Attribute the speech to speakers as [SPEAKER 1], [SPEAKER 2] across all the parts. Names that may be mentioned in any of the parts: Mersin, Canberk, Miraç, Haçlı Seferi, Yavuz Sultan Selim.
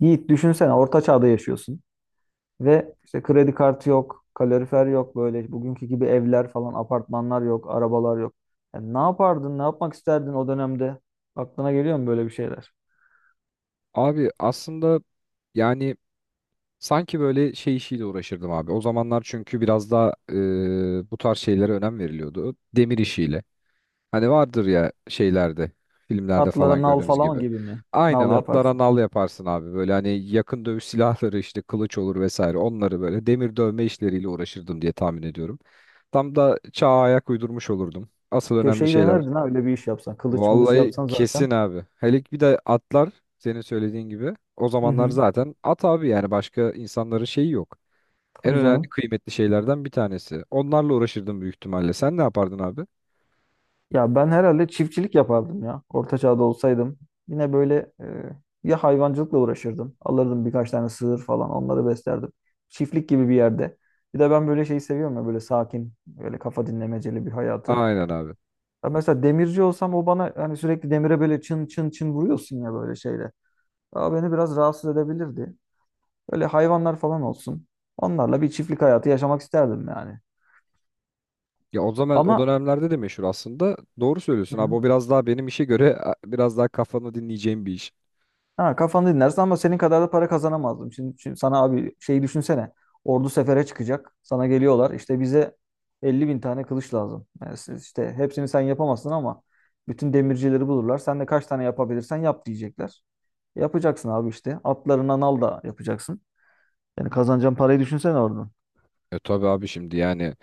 [SPEAKER 1] Yiğit düşünsene orta çağda yaşıyorsun ve işte kredi kartı yok, kalorifer yok böyle bugünkü gibi evler falan, apartmanlar yok, arabalar yok. Yani ne yapardın, ne yapmak isterdin o dönemde? Aklına geliyor mu böyle bir şeyler?
[SPEAKER 2] Abi aslında yani sanki böyle şey işiyle uğraşırdım abi. O zamanlar çünkü biraz daha bu tarz şeylere önem veriliyordu. Demir işiyle. Hani vardır ya şeylerde, filmlerde
[SPEAKER 1] Atlara
[SPEAKER 2] falan
[SPEAKER 1] nal
[SPEAKER 2] gördüğümüz
[SPEAKER 1] falan
[SPEAKER 2] gibi.
[SPEAKER 1] gibi mi?
[SPEAKER 2] Aynen
[SPEAKER 1] Nal
[SPEAKER 2] atlara
[SPEAKER 1] yaparsın.
[SPEAKER 2] nal yaparsın abi. Böyle hani yakın dövüş silahları işte kılıç olur vesaire. Onları böyle demir dövme işleriyle uğraşırdım diye tahmin ediyorum. Tam da çağa ayak uydurmuş olurdum. Asıl önemli
[SPEAKER 1] Köşeyi
[SPEAKER 2] şeyler.
[SPEAKER 1] dönerdin ha öyle bir iş yapsan. Kılıç mılıç
[SPEAKER 2] Vallahi
[SPEAKER 1] yapsan zaten.
[SPEAKER 2] kesin abi. Hele bir de atlar senin söylediğin gibi. O
[SPEAKER 1] Hı
[SPEAKER 2] zamanlar
[SPEAKER 1] hı.
[SPEAKER 2] zaten at abi yani başka insanların şeyi yok. En
[SPEAKER 1] Tabii
[SPEAKER 2] önemli
[SPEAKER 1] canım.
[SPEAKER 2] kıymetli şeylerden bir tanesi. Onlarla uğraşırdım büyük ihtimalle. Sen ne yapardın abi?
[SPEAKER 1] Ya ben herhalde çiftçilik yapardım ya. Orta çağda olsaydım. Yine böyle ya hayvancılıkla uğraşırdım. Alırdım birkaç tane sığır falan onları beslerdim. Çiftlik gibi bir yerde. Bir de ben böyle şeyi seviyorum ya böyle sakin, böyle kafa dinlemeceli bir hayatı.
[SPEAKER 2] Aynen abi.
[SPEAKER 1] Ya mesela demirci olsam o bana hani sürekli demire böyle çın çın çın vuruyorsun ya böyle şeyle. Aa, beni biraz rahatsız edebilirdi. Böyle hayvanlar falan olsun. Onlarla bir çiftlik hayatı yaşamak isterdim yani.
[SPEAKER 2] Ya o zaman o
[SPEAKER 1] Ama.
[SPEAKER 2] dönemlerde de meşhur aslında. Doğru söylüyorsun abi.
[SPEAKER 1] Hı.
[SPEAKER 2] O biraz daha benim işe göre biraz daha kafanı dinleyeceğim bir iş.
[SPEAKER 1] Ha, kafanı dinlersin ama senin kadar da para kazanamazdım. Şimdi sana abi şeyi düşünsene. Ordu sefere çıkacak. Sana geliyorlar. İşte bize 50 bin tane kılıç lazım. Yani siz işte hepsini sen yapamazsın ama bütün demircileri bulurlar. Sen de kaç tane yapabilirsen yap diyecekler. Yapacaksın abi işte. Atlarına al da yapacaksın. Yani kazanacağın parayı düşünsene oradan.
[SPEAKER 2] E tabii abi şimdi yani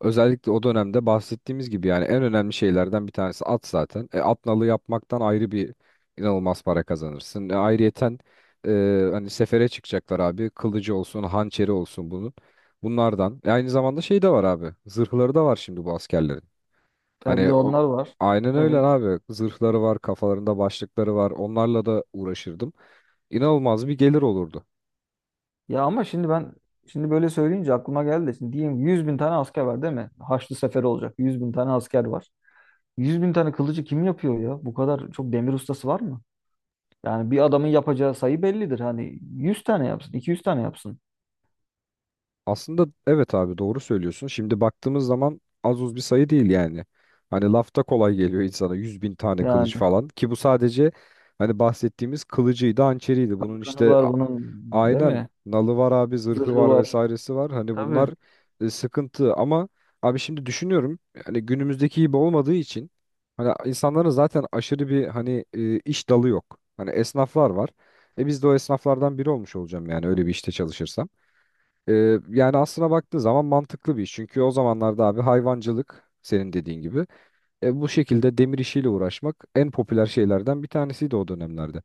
[SPEAKER 2] özellikle o dönemde bahsettiğimiz gibi yani en önemli şeylerden bir tanesi at zaten. At nalı yapmaktan ayrı bir inanılmaz para kazanırsın. Ayrıyeten hani sefere çıkacaklar abi. Kılıcı olsun, hançeri olsun bunun. Bunlardan. Aynı zamanda şey de var abi. Zırhları da var şimdi bu askerlerin.
[SPEAKER 1] E, bir de
[SPEAKER 2] Hani o,
[SPEAKER 1] onlar var.
[SPEAKER 2] aynen öyle
[SPEAKER 1] Evet.
[SPEAKER 2] abi. Zırhları var, kafalarında başlıkları var. Onlarla da uğraşırdım. İnanılmaz bir gelir olurdu.
[SPEAKER 1] Ya ama şimdi ben, şimdi böyle söyleyince aklıma geldi. Şimdi diyeyim 100 bin tane asker var değil mi? Haçlı Seferi olacak. 100 bin tane asker var. 100 bin tane kılıcı kim yapıyor ya? Bu kadar çok demir ustası var mı? Yani bir adamın yapacağı sayı bellidir. Hani 100 tane yapsın, 200 tane yapsın.
[SPEAKER 2] Aslında evet abi, doğru söylüyorsun. Şimdi baktığımız zaman az uz bir sayı değil yani. Hani lafta kolay geliyor insana, 100.000 tane kılıç
[SPEAKER 1] Yani
[SPEAKER 2] falan, ki bu sadece hani bahsettiğimiz kılıcıydı, hançeriydi. Bunun
[SPEAKER 1] kanı
[SPEAKER 2] işte
[SPEAKER 1] var bunun değil
[SPEAKER 2] aynen
[SPEAKER 1] mi?
[SPEAKER 2] nalı var abi, zırhı
[SPEAKER 1] Zırhı
[SPEAKER 2] var,
[SPEAKER 1] var.
[SPEAKER 2] vesairesi var. Hani bunlar
[SPEAKER 1] Tabii.
[SPEAKER 2] sıkıntı. Ama abi şimdi düşünüyorum, hani günümüzdeki gibi olmadığı için hani insanların zaten aşırı bir hani iş dalı yok. Hani esnaflar var. E biz de o esnaflardan biri olmuş olacağım yani, öyle bir işte çalışırsam. Yani aslına baktığın zaman mantıklı bir iş. Çünkü o zamanlarda abi hayvancılık senin dediğin gibi. Bu şekilde demir işiyle uğraşmak en popüler şeylerden bir tanesiydi o dönemlerde.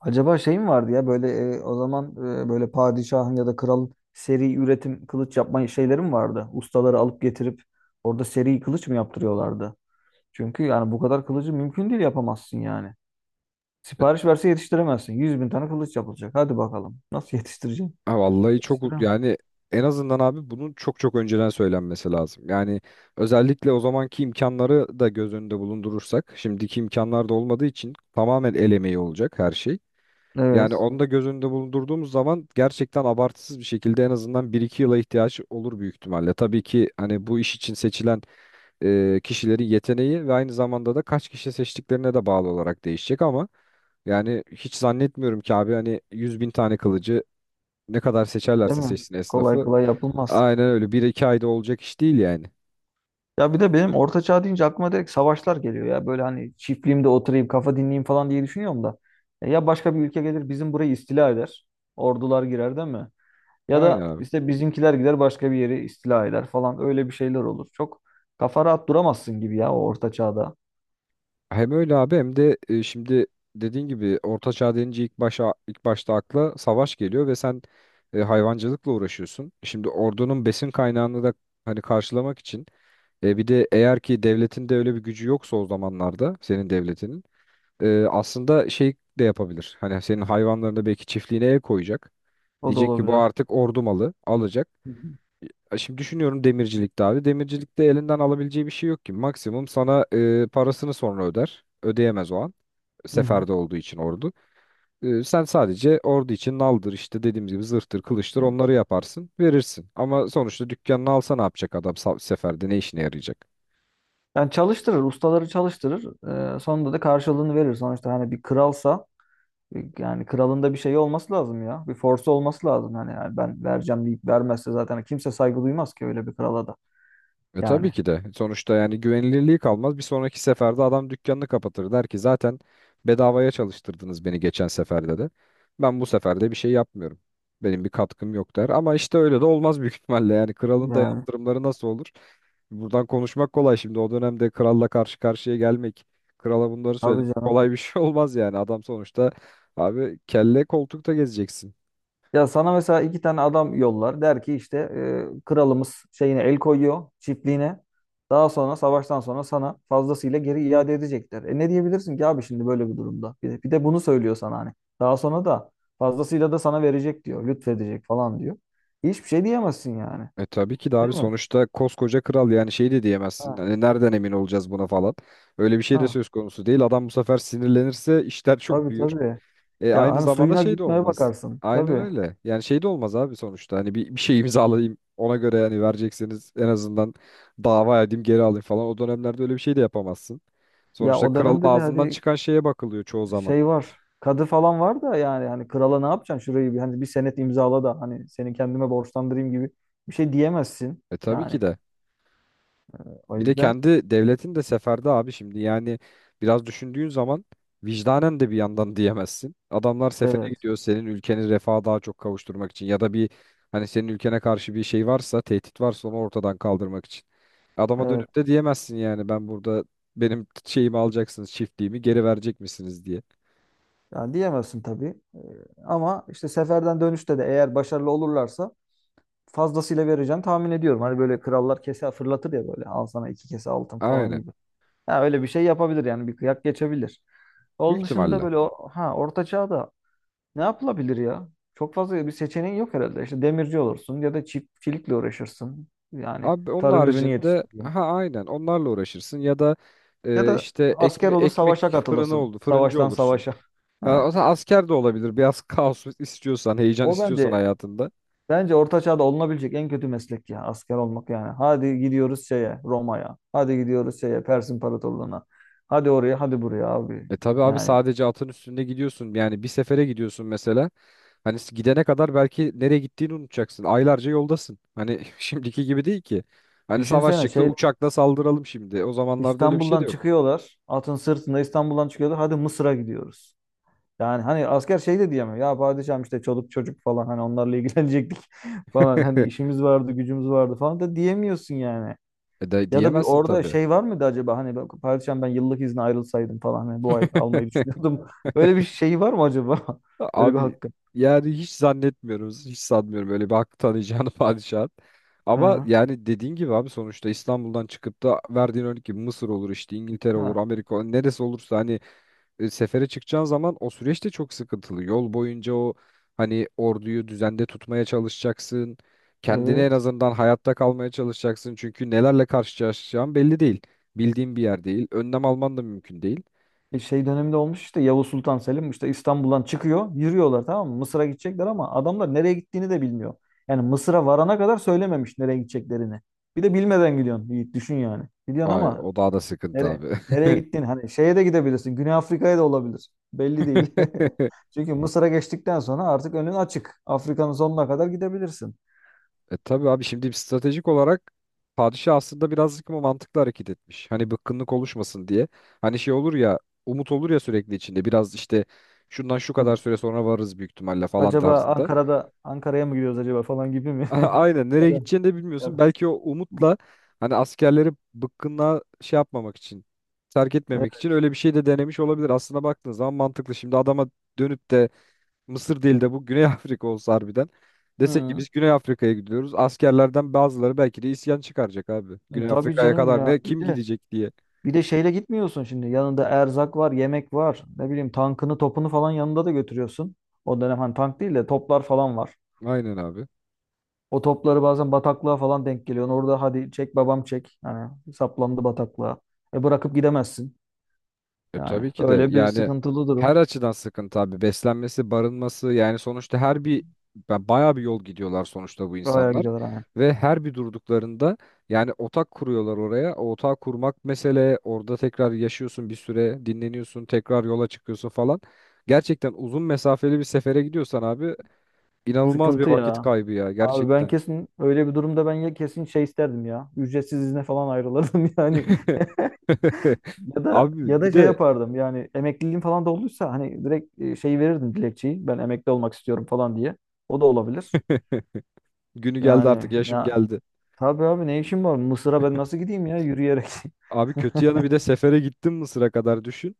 [SPEAKER 1] Acaba şey mi vardı ya böyle o zaman böyle padişahın ya da kralın seri üretim kılıç yapma şeyleri mi vardı? Ustaları alıp getirip orada seri kılıç mı yaptırıyorlardı? Çünkü yani bu kadar kılıcı mümkün değil yapamazsın yani.
[SPEAKER 2] E,
[SPEAKER 1] Sipariş verse yetiştiremezsin. 100 bin tane kılıç yapılacak. Hadi bakalım. Nasıl yetiştireceksin?
[SPEAKER 2] ha, Vallahi çok
[SPEAKER 1] Yetiştiremem.
[SPEAKER 2] yani en azından abi bunun çok çok önceden söylenmesi lazım. Yani özellikle o zamanki imkanları da göz önünde bulundurursak, şimdiki imkanlar da olmadığı için tamamen el emeği olacak her şey. Yani
[SPEAKER 1] Evet.
[SPEAKER 2] onu da göz önünde bulundurduğumuz zaman gerçekten abartısız bir şekilde en azından bir iki yıla ihtiyaç olur büyük ihtimalle. Tabii ki hani bu iş için seçilen kişilerin yeteneği ve aynı zamanda da kaç kişi seçtiklerine de bağlı olarak değişecek. Ama yani hiç zannetmiyorum ki abi, hani 100.000 tane kılıcı ne kadar
[SPEAKER 1] Değil
[SPEAKER 2] seçerlerse
[SPEAKER 1] mi?
[SPEAKER 2] seçsin
[SPEAKER 1] Kolay
[SPEAKER 2] esnafı,
[SPEAKER 1] kolay yapılmaz.
[SPEAKER 2] aynen öyle bir iki ayda olacak iş değil yani.
[SPEAKER 1] Ya bir de benim orta çağ deyince aklıma direkt savaşlar geliyor ya. Böyle hani çiftliğimde oturayım, kafa dinleyeyim falan diye düşünüyorum da. Ya başka bir ülke gelir bizim burayı istila eder. Ordular girer değil mi? Ya
[SPEAKER 2] Aynen
[SPEAKER 1] da
[SPEAKER 2] abi.
[SPEAKER 1] işte bizimkiler gider başka bir yeri istila eder falan. Öyle bir şeyler olur. Çok kafa rahat duramazsın gibi ya o orta çağda.
[SPEAKER 2] Hem öyle abi, hem de şimdi dediğin gibi Orta Çağ denince ilk başta akla savaş geliyor ve sen hayvancılıkla uğraşıyorsun. Şimdi ordunun besin kaynağını da hani karşılamak için, bir de eğer ki devletin de öyle bir gücü yoksa o zamanlarda, senin devletinin aslında şey de yapabilir. Hani senin hayvanlarına belki, çiftliğine el koyacak.
[SPEAKER 1] O da
[SPEAKER 2] Diyecek ki bu
[SPEAKER 1] olabilir.
[SPEAKER 2] artık ordu malı alacak.
[SPEAKER 1] Hı hı.
[SPEAKER 2] Şimdi düşünüyorum demircilikte abi. Demircilikte elinden alabileceği bir şey yok ki. Maksimum sana parasını sonra öder. Ödeyemez o an.
[SPEAKER 1] Hı hı.
[SPEAKER 2] Seferde olduğu için ordu. Sen sadece ordu için naldır işte dediğimiz gibi, zırhtır, kılıçtır,
[SPEAKER 1] Evet.
[SPEAKER 2] onları yaparsın, verirsin. Ama sonuçta dükkanını alsa ne yapacak adam seferde ne işine yarayacak?
[SPEAKER 1] Yani çalıştırır, ustaları çalıştırır. Sonunda da karşılığını verir. Sonuçta hani bir kralsa. Yani kralında bir şey olması lazım ya. Bir force olması lazım. Hani yani ben vereceğim deyip vermezse zaten kimse saygı duymaz ki öyle bir krala da.
[SPEAKER 2] E
[SPEAKER 1] Yani.
[SPEAKER 2] tabii ki de. Sonuçta yani güvenilirliği kalmaz. Bir sonraki seferde adam dükkanını kapatır. Der ki zaten bedavaya çalıştırdınız beni geçen seferde de. Ben bu sefer de bir şey yapmıyorum. Benim bir katkım yok, der. Ama işte öyle de olmaz büyük ihtimalle. Yani kralın da
[SPEAKER 1] Yani.
[SPEAKER 2] yaptırımları nasıl olur? Buradan konuşmak kolay şimdi. O dönemde kralla karşı karşıya gelmek, krala bunları söylemek
[SPEAKER 1] Tabii canım.
[SPEAKER 2] kolay bir şey olmaz yani. Adam sonuçta abi, kelle koltukta gezeceksin.
[SPEAKER 1] Ya sana mesela iki tane adam yollar. Der ki işte kralımız şeyine el koyuyor. Çiftliğine. Daha sonra savaştan sonra sana fazlasıyla geri iade edecekler. E ne diyebilirsin ki abi şimdi böyle bir durumda? Bir de bunu söylüyor sana hani. Daha sonra da fazlasıyla da sana verecek diyor. Lütfedecek falan diyor. Hiçbir şey diyemezsin yani.
[SPEAKER 2] E tabii ki de abi,
[SPEAKER 1] Değil mi?
[SPEAKER 2] sonuçta koskoca kral, yani şey de diyemezsin.
[SPEAKER 1] Ha.
[SPEAKER 2] Hani nereden emin olacağız buna falan. Öyle bir şey de
[SPEAKER 1] Ha.
[SPEAKER 2] söz konusu değil. Adam bu sefer sinirlenirse işler çok
[SPEAKER 1] Tabii
[SPEAKER 2] büyür.
[SPEAKER 1] tabii.
[SPEAKER 2] E
[SPEAKER 1] Ya
[SPEAKER 2] aynı
[SPEAKER 1] hani
[SPEAKER 2] zamanda
[SPEAKER 1] suyuna
[SPEAKER 2] şey de
[SPEAKER 1] gitmeye
[SPEAKER 2] olmaz.
[SPEAKER 1] bakarsın.
[SPEAKER 2] Aynen
[SPEAKER 1] Tabii.
[SPEAKER 2] öyle. Yani şey de olmaz abi sonuçta. Hani bir şey imzalayayım ona göre, yani verecekseniz en azından dava edeyim geri alayım falan. O dönemlerde öyle bir şey de yapamazsın.
[SPEAKER 1] Ya
[SPEAKER 2] Sonuçta
[SPEAKER 1] o
[SPEAKER 2] kralın
[SPEAKER 1] dönemde de
[SPEAKER 2] ağzından
[SPEAKER 1] hadi
[SPEAKER 2] çıkan şeye bakılıyor çoğu zaman.
[SPEAKER 1] şey var. Kadı falan var da yani hani krala ne yapacaksın şurayı bir hani bir senet imzala da hani seni kendime borçlandırayım gibi bir şey diyemezsin.
[SPEAKER 2] E tabii
[SPEAKER 1] Yani
[SPEAKER 2] ki de.
[SPEAKER 1] o
[SPEAKER 2] Bir de
[SPEAKER 1] yüzden
[SPEAKER 2] kendi devletin de seferde abi, şimdi yani biraz düşündüğün zaman vicdanen de bir yandan diyemezsin. Adamlar sefere
[SPEAKER 1] evet
[SPEAKER 2] gidiyor senin ülkeni refaha daha çok kavuşturmak için, ya da bir, hani senin ülkene karşı bir şey varsa, tehdit varsa, onu ortadan kaldırmak için. Adama
[SPEAKER 1] evet
[SPEAKER 2] dönüp de diyemezsin yani, ben burada benim şeyimi alacaksınız, çiftliğimi geri verecek misiniz diye.
[SPEAKER 1] yani diyemezsin tabii. Ama işte seferden dönüşte de eğer başarılı olurlarsa fazlasıyla vereceğini tahmin ediyorum. Hani böyle krallar kese fırlatır ya böyle al sana iki kese altın falan
[SPEAKER 2] Aynen,
[SPEAKER 1] gibi. Ya öyle bir şey yapabilir yani bir kıyak geçebilir.
[SPEAKER 2] büyük
[SPEAKER 1] Onun dışında
[SPEAKER 2] ihtimalle.
[SPEAKER 1] böyle ha orta çağda. Ne yapılabilir ya? Çok fazla bir seçeneğin yok herhalde. İşte demirci olursun ya da çiftçilikle uğraşırsın. Yani
[SPEAKER 2] Abi onun
[SPEAKER 1] tarım ürünü
[SPEAKER 2] haricinde
[SPEAKER 1] yetiştireyim.
[SPEAKER 2] ha, aynen onlarla uğraşırsın, ya da
[SPEAKER 1] Ya da
[SPEAKER 2] işte
[SPEAKER 1] asker olur savaşa
[SPEAKER 2] ekmek fırını
[SPEAKER 1] katılırsın.
[SPEAKER 2] oldu fırıncı
[SPEAKER 1] Savaştan
[SPEAKER 2] olursun.
[SPEAKER 1] savaşa.
[SPEAKER 2] Ha,
[SPEAKER 1] Ha.
[SPEAKER 2] o zaman asker de olabilir. Biraz kaos istiyorsan, heyecan
[SPEAKER 1] O
[SPEAKER 2] istiyorsan
[SPEAKER 1] bence
[SPEAKER 2] hayatında.
[SPEAKER 1] bence orta çağda olunabilecek en kötü meslek ya asker olmak yani. Hadi gidiyoruz şeye Roma'ya. Hadi gidiyoruz şeye Pers İmparatorluğu'na. Hadi oraya hadi buraya abi.
[SPEAKER 2] E tabii abi,
[SPEAKER 1] Yani
[SPEAKER 2] sadece atın üstünde gidiyorsun. Yani bir sefere gidiyorsun mesela. Hani gidene kadar belki nereye gittiğini unutacaksın. Aylarca yoldasın. Hani şimdiki gibi değil ki. Hani savaş
[SPEAKER 1] düşünsene
[SPEAKER 2] çıktı
[SPEAKER 1] şey,
[SPEAKER 2] uçakla saldıralım şimdi. O zamanlarda öyle bir şey de
[SPEAKER 1] İstanbul'dan
[SPEAKER 2] yok.
[SPEAKER 1] çıkıyorlar. Atın sırtında İstanbul'dan çıkıyorlar. Hadi Mısır'a gidiyoruz. Yani hani asker şey de diyemiyor. Ya padişahım işte çoluk çocuk falan hani onlarla ilgilenecektik falan. Hani işimiz vardı, gücümüz vardı falan da diyemiyorsun yani.
[SPEAKER 2] E de
[SPEAKER 1] Ya da bir
[SPEAKER 2] diyemezsin
[SPEAKER 1] orada
[SPEAKER 2] tabi.
[SPEAKER 1] şey var mıydı acaba hani padişahım ben yıllık izne ayrılsaydım falan hani bu ay almayı düşünüyordum. Böyle bir şey var mı acaba? Öyle bir
[SPEAKER 2] Abi
[SPEAKER 1] hakkı.
[SPEAKER 2] yani hiç zannetmiyorum. Hiç sanmıyorum öyle bir hakkı tanıyacağını padişahın. Ama
[SPEAKER 1] Ha.
[SPEAKER 2] yani dediğin gibi abi, sonuçta İstanbul'dan çıkıp da verdiğin örnek gibi Mısır olur, işte İngiltere olur,
[SPEAKER 1] Ha.
[SPEAKER 2] Amerika olur, neresi olursa, hani sefere çıkacağın zaman o süreç de çok sıkıntılı. Yol boyunca o hani orduyu düzende tutmaya çalışacaksın. Kendini en
[SPEAKER 1] Evet.
[SPEAKER 2] azından hayatta kalmaya çalışacaksın. Çünkü nelerle karşılaşacağın belli değil. Bildiğin bir yer değil. Önlem alman da mümkün değil.
[SPEAKER 1] Şey döneminde olmuş işte Yavuz Sultan Selim işte İstanbul'dan çıkıyor yürüyorlar tamam mı? Mısır'a gidecekler ama adamlar nereye gittiğini de bilmiyor. Yani Mısır'a varana kadar söylememiş nereye gideceklerini. Bir de bilmeden gidiyorsun Yiğit düşün yani. Gidiyorsun
[SPEAKER 2] Ay,
[SPEAKER 1] ama
[SPEAKER 2] o daha da sıkıntı
[SPEAKER 1] nereye
[SPEAKER 2] abi.
[SPEAKER 1] nereye gittiğini hani şeye de gidebilirsin. Güney Afrika'ya da olabilir. Belli değil. Çünkü Mısır'a geçtikten sonra artık önün açık. Afrika'nın sonuna kadar gidebilirsin.
[SPEAKER 2] E tabii abi, şimdi stratejik olarak padişah aslında birazcık ama mantıklı hareket etmiş. Hani bıkkınlık oluşmasın diye. Hani şey olur ya, umut olur ya, sürekli içinde biraz işte şundan şu
[SPEAKER 1] Hı.
[SPEAKER 2] kadar süre sonra varırız büyük ihtimalle falan
[SPEAKER 1] Acaba
[SPEAKER 2] tarzında.
[SPEAKER 1] Ankara'ya mı gidiyoruz acaba falan gibi mi?
[SPEAKER 2] Aynen,
[SPEAKER 1] Ya
[SPEAKER 2] nereye
[SPEAKER 1] da-
[SPEAKER 2] gideceğini de
[SPEAKER 1] ya
[SPEAKER 2] bilmiyorsun.
[SPEAKER 1] da-
[SPEAKER 2] Belki o umutla, hani askerleri bıkkınlığa şey yapmamak için, terk etmemek için öyle bir şey de denemiş olabilir. Aslına baktığın zaman mantıklı. Şimdi adama dönüp de Mısır değil de bu Güney Afrika olsa harbiden. Desek ki
[SPEAKER 1] Hı.
[SPEAKER 2] biz Güney Afrika'ya gidiyoruz. Askerlerden bazıları belki de isyan çıkaracak abi.
[SPEAKER 1] Hı.
[SPEAKER 2] Güney
[SPEAKER 1] Tabii
[SPEAKER 2] Afrika'ya
[SPEAKER 1] canım
[SPEAKER 2] kadar
[SPEAKER 1] ya.
[SPEAKER 2] ne,
[SPEAKER 1] Bir
[SPEAKER 2] kim
[SPEAKER 1] de
[SPEAKER 2] gidecek diye.
[SPEAKER 1] Şeyle gitmiyorsun şimdi. Yanında erzak var, yemek var. Ne bileyim tankını, topunu falan yanında da götürüyorsun. O dönem hani tank değil de toplar falan var.
[SPEAKER 2] Aynen abi.
[SPEAKER 1] O topları bazen bataklığa falan denk geliyorsun. Orada hadi çek babam çek. Hani saplandı bataklığa. E bırakıp gidemezsin.
[SPEAKER 2] E
[SPEAKER 1] Yani
[SPEAKER 2] tabii ki de
[SPEAKER 1] öyle bir
[SPEAKER 2] yani,
[SPEAKER 1] sıkıntılı durum.
[SPEAKER 2] her açıdan sıkıntı abi. Beslenmesi, barınması, yani sonuçta her bir bayağı bir yol gidiyorlar sonuçta bu
[SPEAKER 1] Oraya
[SPEAKER 2] insanlar.
[SPEAKER 1] gidiyorlar hani.
[SPEAKER 2] Ve her bir durduklarında yani otak kuruyorlar oraya. O otağı kurmak mesele. Orada tekrar yaşıyorsun bir süre, dinleniyorsun, tekrar yola çıkıyorsun falan. Gerçekten uzun mesafeli bir sefere gidiyorsan abi, İnanılmaz bir
[SPEAKER 1] Sıkıntı
[SPEAKER 2] vakit
[SPEAKER 1] ya.
[SPEAKER 2] kaybı ya
[SPEAKER 1] Abi ben
[SPEAKER 2] gerçekten.
[SPEAKER 1] kesin öyle bir durumda ben ya kesin şey isterdim ya. Ücretsiz izne falan ayrılırdım yani. Ya da ya
[SPEAKER 2] Abi
[SPEAKER 1] da
[SPEAKER 2] bir
[SPEAKER 1] şey
[SPEAKER 2] de
[SPEAKER 1] yapardım yani emekliliğim falan da olduysa hani direkt şey verirdim dilekçeyi ben emekli olmak istiyorum falan diye. O da olabilir.
[SPEAKER 2] günü geldi, artık
[SPEAKER 1] Yani
[SPEAKER 2] yaşım
[SPEAKER 1] ya
[SPEAKER 2] geldi.
[SPEAKER 1] tabii abi ne işim var Mısır'a ben nasıl gideyim ya yürüyerek.
[SPEAKER 2] Abi kötü yanı, bir de sefere gittim Mısır'a kadar düşün.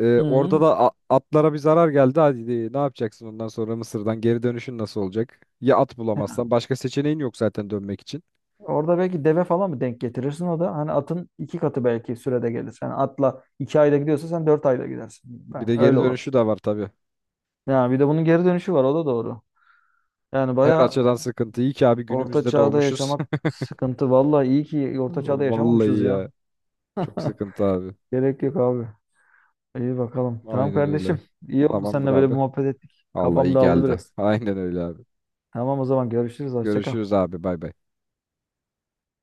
[SPEAKER 1] Hı.
[SPEAKER 2] Orada da atlara bir zarar geldi. Hadi ne yapacaksın ondan sonra? Mısır'dan geri dönüşün nasıl olacak? Ya at bulamazsan başka seçeneğin yok zaten dönmek için.
[SPEAKER 1] Orada belki deve falan mı denk getirirsin o da hani atın iki katı belki sürede gelir. Yani atla 2 ayda gidiyorsa sen 4 ayda gidersin.
[SPEAKER 2] Bir
[SPEAKER 1] Yani
[SPEAKER 2] de geri
[SPEAKER 1] öyle olabilir.
[SPEAKER 2] dönüşü de var tabii.
[SPEAKER 1] Yani bir de bunun geri dönüşü var o da doğru. Yani
[SPEAKER 2] Her, evet,
[SPEAKER 1] baya
[SPEAKER 2] açıdan sıkıntı. İyi ki abi
[SPEAKER 1] orta
[SPEAKER 2] günümüzde
[SPEAKER 1] çağda
[SPEAKER 2] doğmuşuz.
[SPEAKER 1] yaşamak sıkıntı. Vallahi iyi ki orta çağda yaşamamışız
[SPEAKER 2] Vallahi
[SPEAKER 1] ya.
[SPEAKER 2] ya. Çok sıkıntı abi.
[SPEAKER 1] Gerek yok abi. İyi bakalım. Tamam
[SPEAKER 2] Aynen öyle.
[SPEAKER 1] kardeşim. İyi oldu
[SPEAKER 2] Tamamdır
[SPEAKER 1] seninle böyle bir
[SPEAKER 2] abi.
[SPEAKER 1] muhabbet ettik.
[SPEAKER 2] Allah
[SPEAKER 1] Kafam
[SPEAKER 2] iyi
[SPEAKER 1] dağıldı
[SPEAKER 2] geldi.
[SPEAKER 1] biraz.
[SPEAKER 2] Aynen öyle abi.
[SPEAKER 1] Tamam o zaman görüşürüz. Hoşça kal.
[SPEAKER 2] Görüşürüz abi, bay bay.